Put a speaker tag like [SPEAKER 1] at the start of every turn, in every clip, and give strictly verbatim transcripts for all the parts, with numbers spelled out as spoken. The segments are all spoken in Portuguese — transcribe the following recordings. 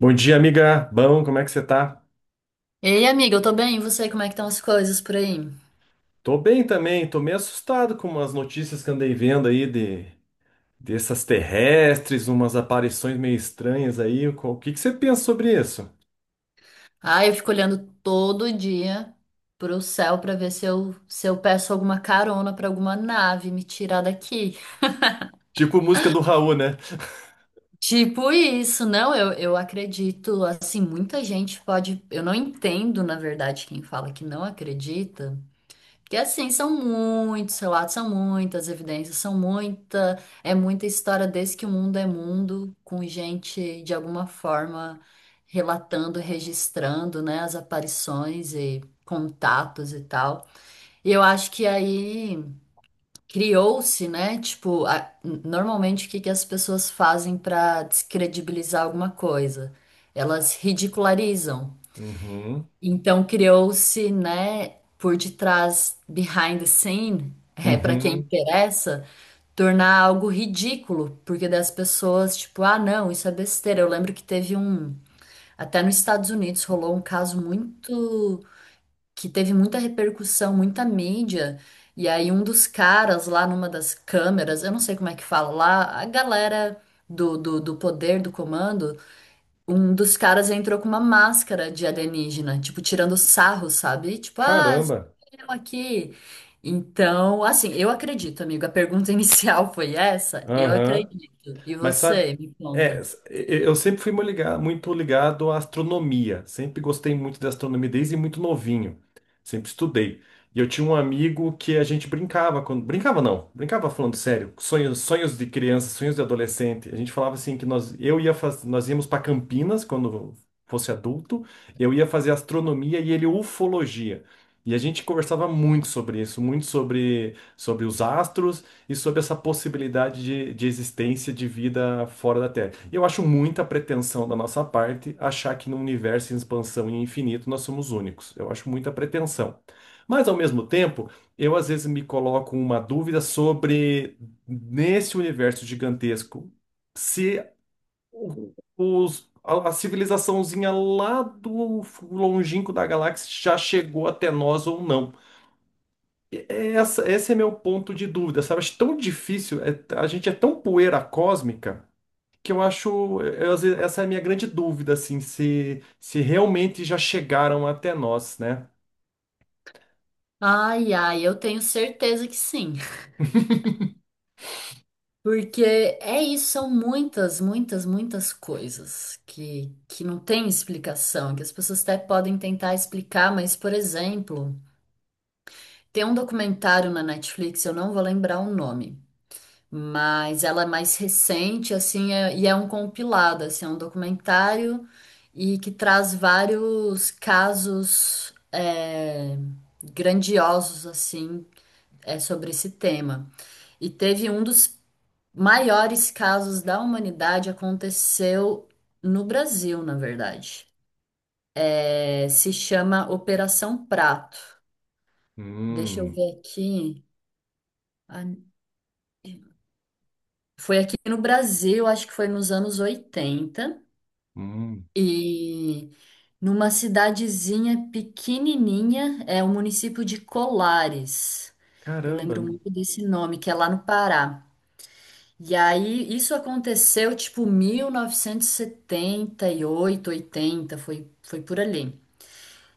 [SPEAKER 1] Bom dia, amiga. Bom, como é que você tá?
[SPEAKER 2] Ei, amiga, eu tô bem, e você? Como é que estão as coisas por aí?
[SPEAKER 1] Tô bem também, tô meio assustado com umas notícias que andei vendo aí de dessas terrestres, umas aparições meio estranhas aí. Qual- O que que você pensa sobre isso?
[SPEAKER 2] Ah, eu fico olhando todo dia pro céu pra ver se eu, se eu peço alguma carona pra alguma nave me tirar daqui.
[SPEAKER 1] Tipo música do Raul, né?
[SPEAKER 2] Tipo isso, não, eu, eu acredito, assim, muita gente pode, eu não entendo, na verdade, quem fala que não acredita. Porque assim, são muitos relatos, são muitas evidências, são muita, é muita história desde que o mundo é mundo, com gente de alguma forma relatando, registrando, né, as aparições e contatos e tal. E eu acho que aí criou-se, né, tipo, a- normalmente o que que as pessoas fazem para descredibilizar alguma coisa? Elas ridicularizam.
[SPEAKER 1] Uhum,
[SPEAKER 2] Então criou-se, né, por detrás, behind the scene, é, para quem
[SPEAKER 1] uhum.
[SPEAKER 2] interessa, tornar algo ridículo, porque das pessoas, tipo, ah, não, isso é besteira. Eu lembro que teve um, até nos Estados Unidos rolou um caso muito, que teve muita repercussão, muita mídia, e aí um dos caras lá numa das câmeras, eu não sei como é que fala lá, a galera do, do, do poder, do comando, um dos caras entrou com uma máscara de alienígena, tipo, tirando sarro, sabe? Tipo, ah,
[SPEAKER 1] Caramba.
[SPEAKER 2] eu aqui. Então, assim, eu acredito, amigo. A pergunta inicial foi essa? Eu
[SPEAKER 1] Aham.
[SPEAKER 2] acredito. E
[SPEAKER 1] Mas sabe,
[SPEAKER 2] você, me
[SPEAKER 1] é,
[SPEAKER 2] conta.
[SPEAKER 1] s- e- eu sempre fui mu- liga- muito ligado à astronomia. Sempre gostei muito da astronomia desde muito novinho. Sempre estudei. E eu tinha um amigo que a gente brincava, quando brincava não, brincava falando sério, sonhos, sonhos de criança, sonhos de adolescente. A gente falava assim que nós eu ia faz, nós íamos para Campinas quando fosse adulto, eu ia fazer astronomia e ele ufologia. E a gente conversava muito sobre isso, muito sobre sobre os astros e sobre essa possibilidade de, de existência de vida fora da Terra. E eu acho muita pretensão da nossa parte achar que num universo em expansão e infinito nós somos únicos. Eu acho muita pretensão. Mas, ao mesmo tempo, eu às vezes me coloco uma dúvida sobre, nesse universo gigantesco, se o- os, a, a civilizaçãozinha lá do longínquo da galáxia já chegou até nós ou não. Essa, esse é meu ponto de dúvida, sabe? Acho tão difícil, é- a gente é tão poeira cósmica que eu acho, eu, às vezes, essa é a minha grande dúvida, assim, se, se realmente já chegaram até nós, né?
[SPEAKER 2] Ai, ai, eu tenho certeza que sim. Porque é isso, são muitas, muitas, muitas coisas que, que não tem explicação, que as pessoas até podem tentar explicar, mas, por exemplo, tem um documentário na Netflix, eu não vou lembrar o nome. Mas ela é mais recente, assim, é- e é um compilado, assim, é um documentário e que traz vários casos, é, grandiosos, assim, é, sobre esse tema. E teve um dos maiores casos da humanidade aconteceu no Brasil, na verdade. É, se chama Operação Prato. Deixa eu
[SPEAKER 1] Hum,
[SPEAKER 2] ver aqui. Ah, foi aqui no Brasil, acho que foi nos anos oitenta.
[SPEAKER 1] hum,
[SPEAKER 2] E numa cidadezinha pequenininha, é o município de Colares. Eu
[SPEAKER 1] caramba.
[SPEAKER 2] lembro muito desse nome, que é lá no Pará. E aí isso aconteceu tipo mil novecentos e e setenta e oito, oitenta, foi, foi por ali.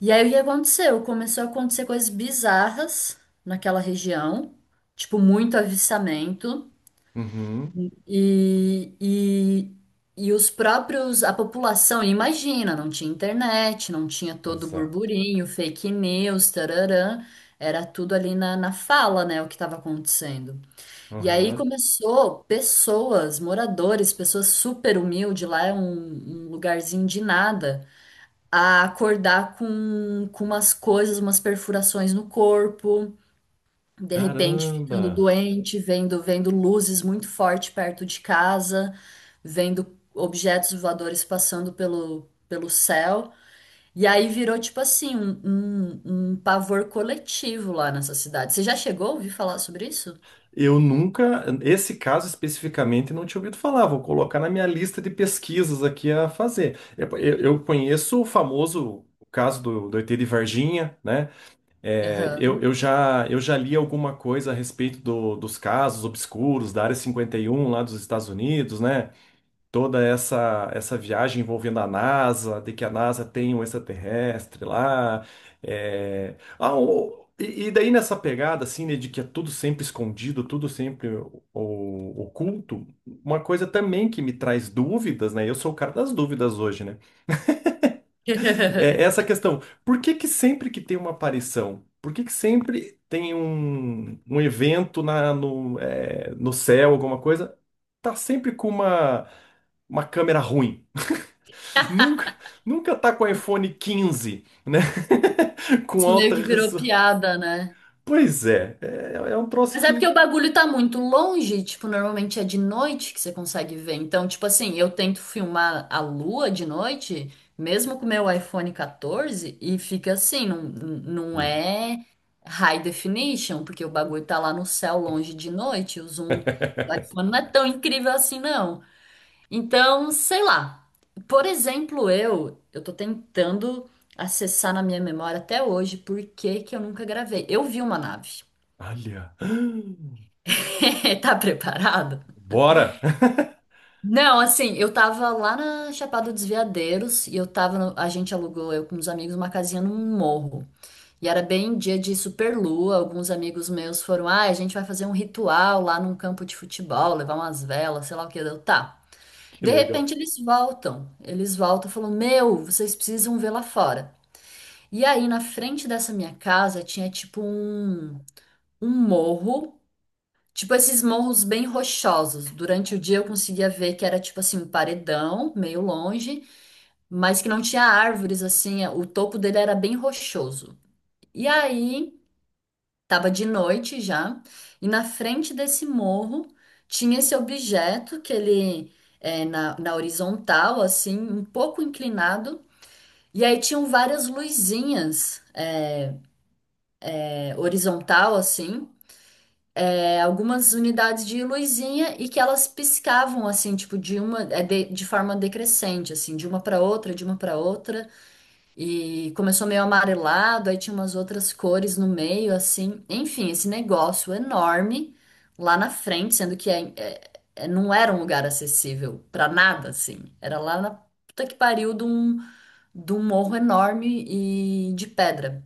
[SPEAKER 2] E aí o que aconteceu? Começou a acontecer coisas bizarras naquela região, tipo muito avistamento.
[SPEAKER 1] Uhum,
[SPEAKER 2] E, e, e os próprios, a população, imagina, não tinha internet, não tinha todo o
[SPEAKER 1] exato.
[SPEAKER 2] burburinho, fake news, tararã, era tudo ali na, na fala, né, o que estava acontecendo. E aí
[SPEAKER 1] Aham.
[SPEAKER 2] começou pessoas, moradores, pessoas super humildes, lá é um, um lugarzinho de nada, a acordar com, com umas coisas, umas perfurações no corpo, de repente
[SPEAKER 1] Caramba.
[SPEAKER 2] ficando doente, vendo, vendo luzes muito forte perto de casa, vendo objetos voadores passando pelo, pelo céu. E aí virou tipo assim, um, um, um pavor coletivo lá nessa cidade. Você já chegou a ouvir falar sobre isso?
[SPEAKER 1] Eu nunca, esse caso especificamente, não tinha ouvido falar. Vou colocar na minha lista de pesquisas aqui a fazer. Eu, eu- eu conheço o famoso caso do, do E T de Varginha, né? É, eu,
[SPEAKER 2] Aham.
[SPEAKER 1] eu já, eu já li alguma coisa a respeito do- dos casos obscuros da Área cinquenta e um lá dos Estados Unidos, né? Toda essa, essa viagem envolvendo a NASA, de que a NASA tem um extraterrestre lá. É. Ah, o- e, e daí nessa pegada, assim, né, de que é tudo sempre escondido, tudo sempre o- o- oculto, uma coisa também que me traz dúvidas, né? Eu sou o cara das dúvidas hoje, né? É é essa questão. Por que que sempre que tem uma aparição, por que que sempre tem um, um evento na, no, é, no céu, alguma coisa, tá sempre com uma, uma câmera ruim? Nunca, nunca tá com o iPhone quinze, né? Com
[SPEAKER 2] Isso meio
[SPEAKER 1] alta
[SPEAKER 2] que virou
[SPEAKER 1] resolução.
[SPEAKER 2] piada, né?
[SPEAKER 1] Pois é, é, é um troço
[SPEAKER 2] Mas é porque
[SPEAKER 1] que.
[SPEAKER 2] o bagulho tá muito longe, tipo, normalmente é de noite que você consegue ver. Então, tipo assim, eu tento filmar a lua de noite, mesmo com o meu iPhone catorze, e fica assim, não, não
[SPEAKER 1] Hum.
[SPEAKER 2] é high definition, porque o bagulho tá lá no céu longe de noite, o zoom do iPhone não é tão incrível assim, não. Então, sei lá. Por exemplo, eu, eu tô tentando acessar na minha memória até hoje por que que eu nunca gravei. Eu vi uma nave.
[SPEAKER 1] Olha!
[SPEAKER 2] Tá preparado?
[SPEAKER 1] Bora!
[SPEAKER 2] Não, assim, eu tava lá na Chapada dos Veadeiros e eu tava, no- a gente alugou, eu com uns amigos, uma casinha num morro. E era bem dia de superlua, alguns amigos meus foram, ah, a gente vai fazer um ritual lá num campo de futebol, levar umas velas, sei lá o que, eu, tá.
[SPEAKER 1] Que
[SPEAKER 2] De
[SPEAKER 1] legal.
[SPEAKER 2] repente eles voltam, eles voltam e falam, meu, vocês precisam ver lá fora. E aí, na frente dessa minha casa, tinha tipo um, um morro. Tipo esses morros bem rochosos. Durante o dia eu conseguia ver que era tipo assim um paredão, meio longe, mas que não tinha árvores assim, é, o topo dele era bem rochoso. E aí, tava de noite já, e na frente desse morro tinha esse objeto que ele é na, na horizontal, assim, um pouco inclinado, e aí tinham várias luzinhas, é, horizontal assim. É, algumas unidades de luzinha e que elas piscavam assim, tipo de uma, é, de, de forma decrescente, assim, de uma para outra, de uma para outra, e começou meio amarelado, aí tinha umas outras cores no meio, assim, enfim, esse negócio enorme lá na frente, sendo que é- é- é- não era um lugar acessível para nada, assim, era lá na puta que pariu de um, de um morro enorme e de pedra.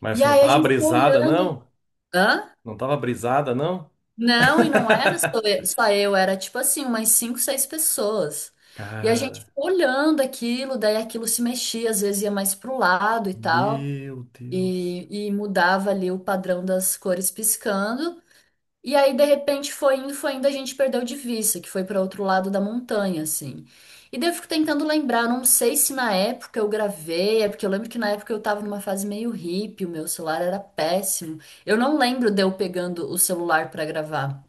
[SPEAKER 1] Mas
[SPEAKER 2] E
[SPEAKER 1] você não
[SPEAKER 2] aí a
[SPEAKER 1] tava
[SPEAKER 2] gente ficou
[SPEAKER 1] brisada,
[SPEAKER 2] olhando.
[SPEAKER 1] não?
[SPEAKER 2] Hã?
[SPEAKER 1] Não tava brisada, não?
[SPEAKER 2] Não, e não era só eu, só eu, era tipo assim, umas cinco, seis pessoas. E a gente
[SPEAKER 1] Cara,
[SPEAKER 2] ficou olhando aquilo, daí aquilo se mexia, às vezes ia mais pro lado e tal,
[SPEAKER 1] meu Deus.
[SPEAKER 2] e, e mudava ali o padrão das cores piscando. E aí, de repente, foi indo, foi indo, a gente perdeu de vista, que foi para outro lado da montanha, assim. E daí eu fico tentando lembrar, não sei se na época eu gravei, é porque eu lembro que na época eu tava numa fase meio hippie, o meu celular era péssimo. Eu não lembro de eu pegando o celular para gravar.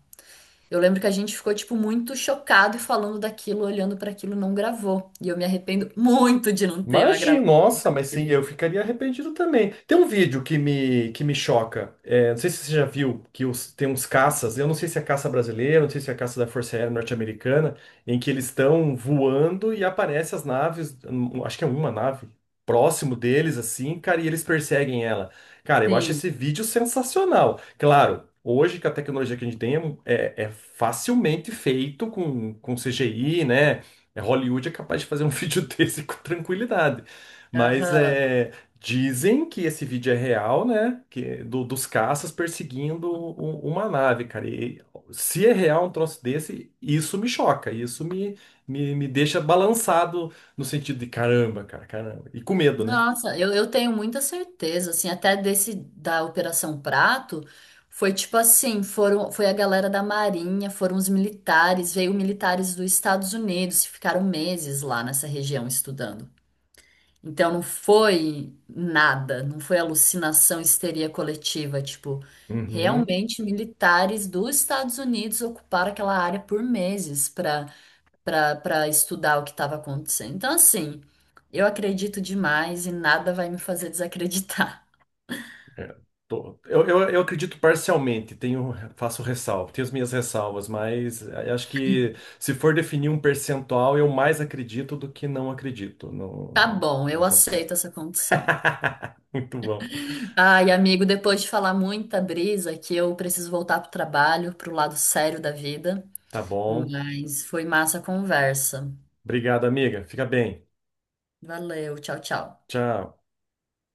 [SPEAKER 2] Eu lembro que a gente ficou, tipo, muito chocado e falando daquilo, olhando para aquilo, não gravou. E eu me arrependo muito de não ter uma gravação
[SPEAKER 1] Imagina, nossa, mas sim,
[SPEAKER 2] daquilo.
[SPEAKER 1] eu ficaria arrependido também. Tem um vídeo que me, que me choca. É, não sei se você já viu que os- tem uns caças, eu não sei se é caça brasileira, não sei se é caça da Força Aérea Norte-Americana, em que eles estão voando e aparecem as naves, hum, acho que é uma nave, próximo deles, assim, cara, e eles perseguem ela. Cara, eu acho
[SPEAKER 2] Sim.
[SPEAKER 1] esse vídeo sensacional. Claro, hoje com a tecnologia que a gente tem é, é facilmente feito com, com C G I, né? É, Hollywood é capaz de fazer um vídeo desse com tranquilidade. Mas
[SPEAKER 2] Aham.
[SPEAKER 1] é, dizem que esse vídeo é real, né? Que, do- dos caças perseguindo u- uma nave, cara. E se é real um troço desse, isso me choca. Isso me, me, me deixa balançado no sentido de caramba, cara, caramba. E com medo, né?
[SPEAKER 2] Nossa, eu, eu tenho muita certeza, assim, até desse da Operação Prato, foi tipo assim, foram, foi a galera da Marinha, foram os militares, veio militares dos Estados Unidos, ficaram meses lá nessa região estudando. Então não foi nada, não foi alucinação, histeria coletiva, tipo,
[SPEAKER 1] Uhum.
[SPEAKER 2] realmente militares dos Estados Unidos ocuparam aquela área por meses para para para estudar o que estava acontecendo. Então assim, eu acredito demais e nada vai me fazer desacreditar.
[SPEAKER 1] É, tô- eu, eu, eu acredito parcialmente, tenho, faço ressalva, tenho as minhas ressalvas, mas a- acho que se for definir um percentual, eu mais acredito do que não acredito no,
[SPEAKER 2] Tá bom, eu
[SPEAKER 1] nesse assunto.
[SPEAKER 2] aceito essa condição.
[SPEAKER 1] Muito bom.
[SPEAKER 2] Ai, amigo, depois de falar muita brisa que eu preciso voltar pro trabalho, pro lado sério da vida,
[SPEAKER 1] Tá bom.
[SPEAKER 2] mas foi massa a conversa.
[SPEAKER 1] Obrigado, amiga. Fica bem.
[SPEAKER 2] Valeu, tchau, tchau.
[SPEAKER 1] Tchau.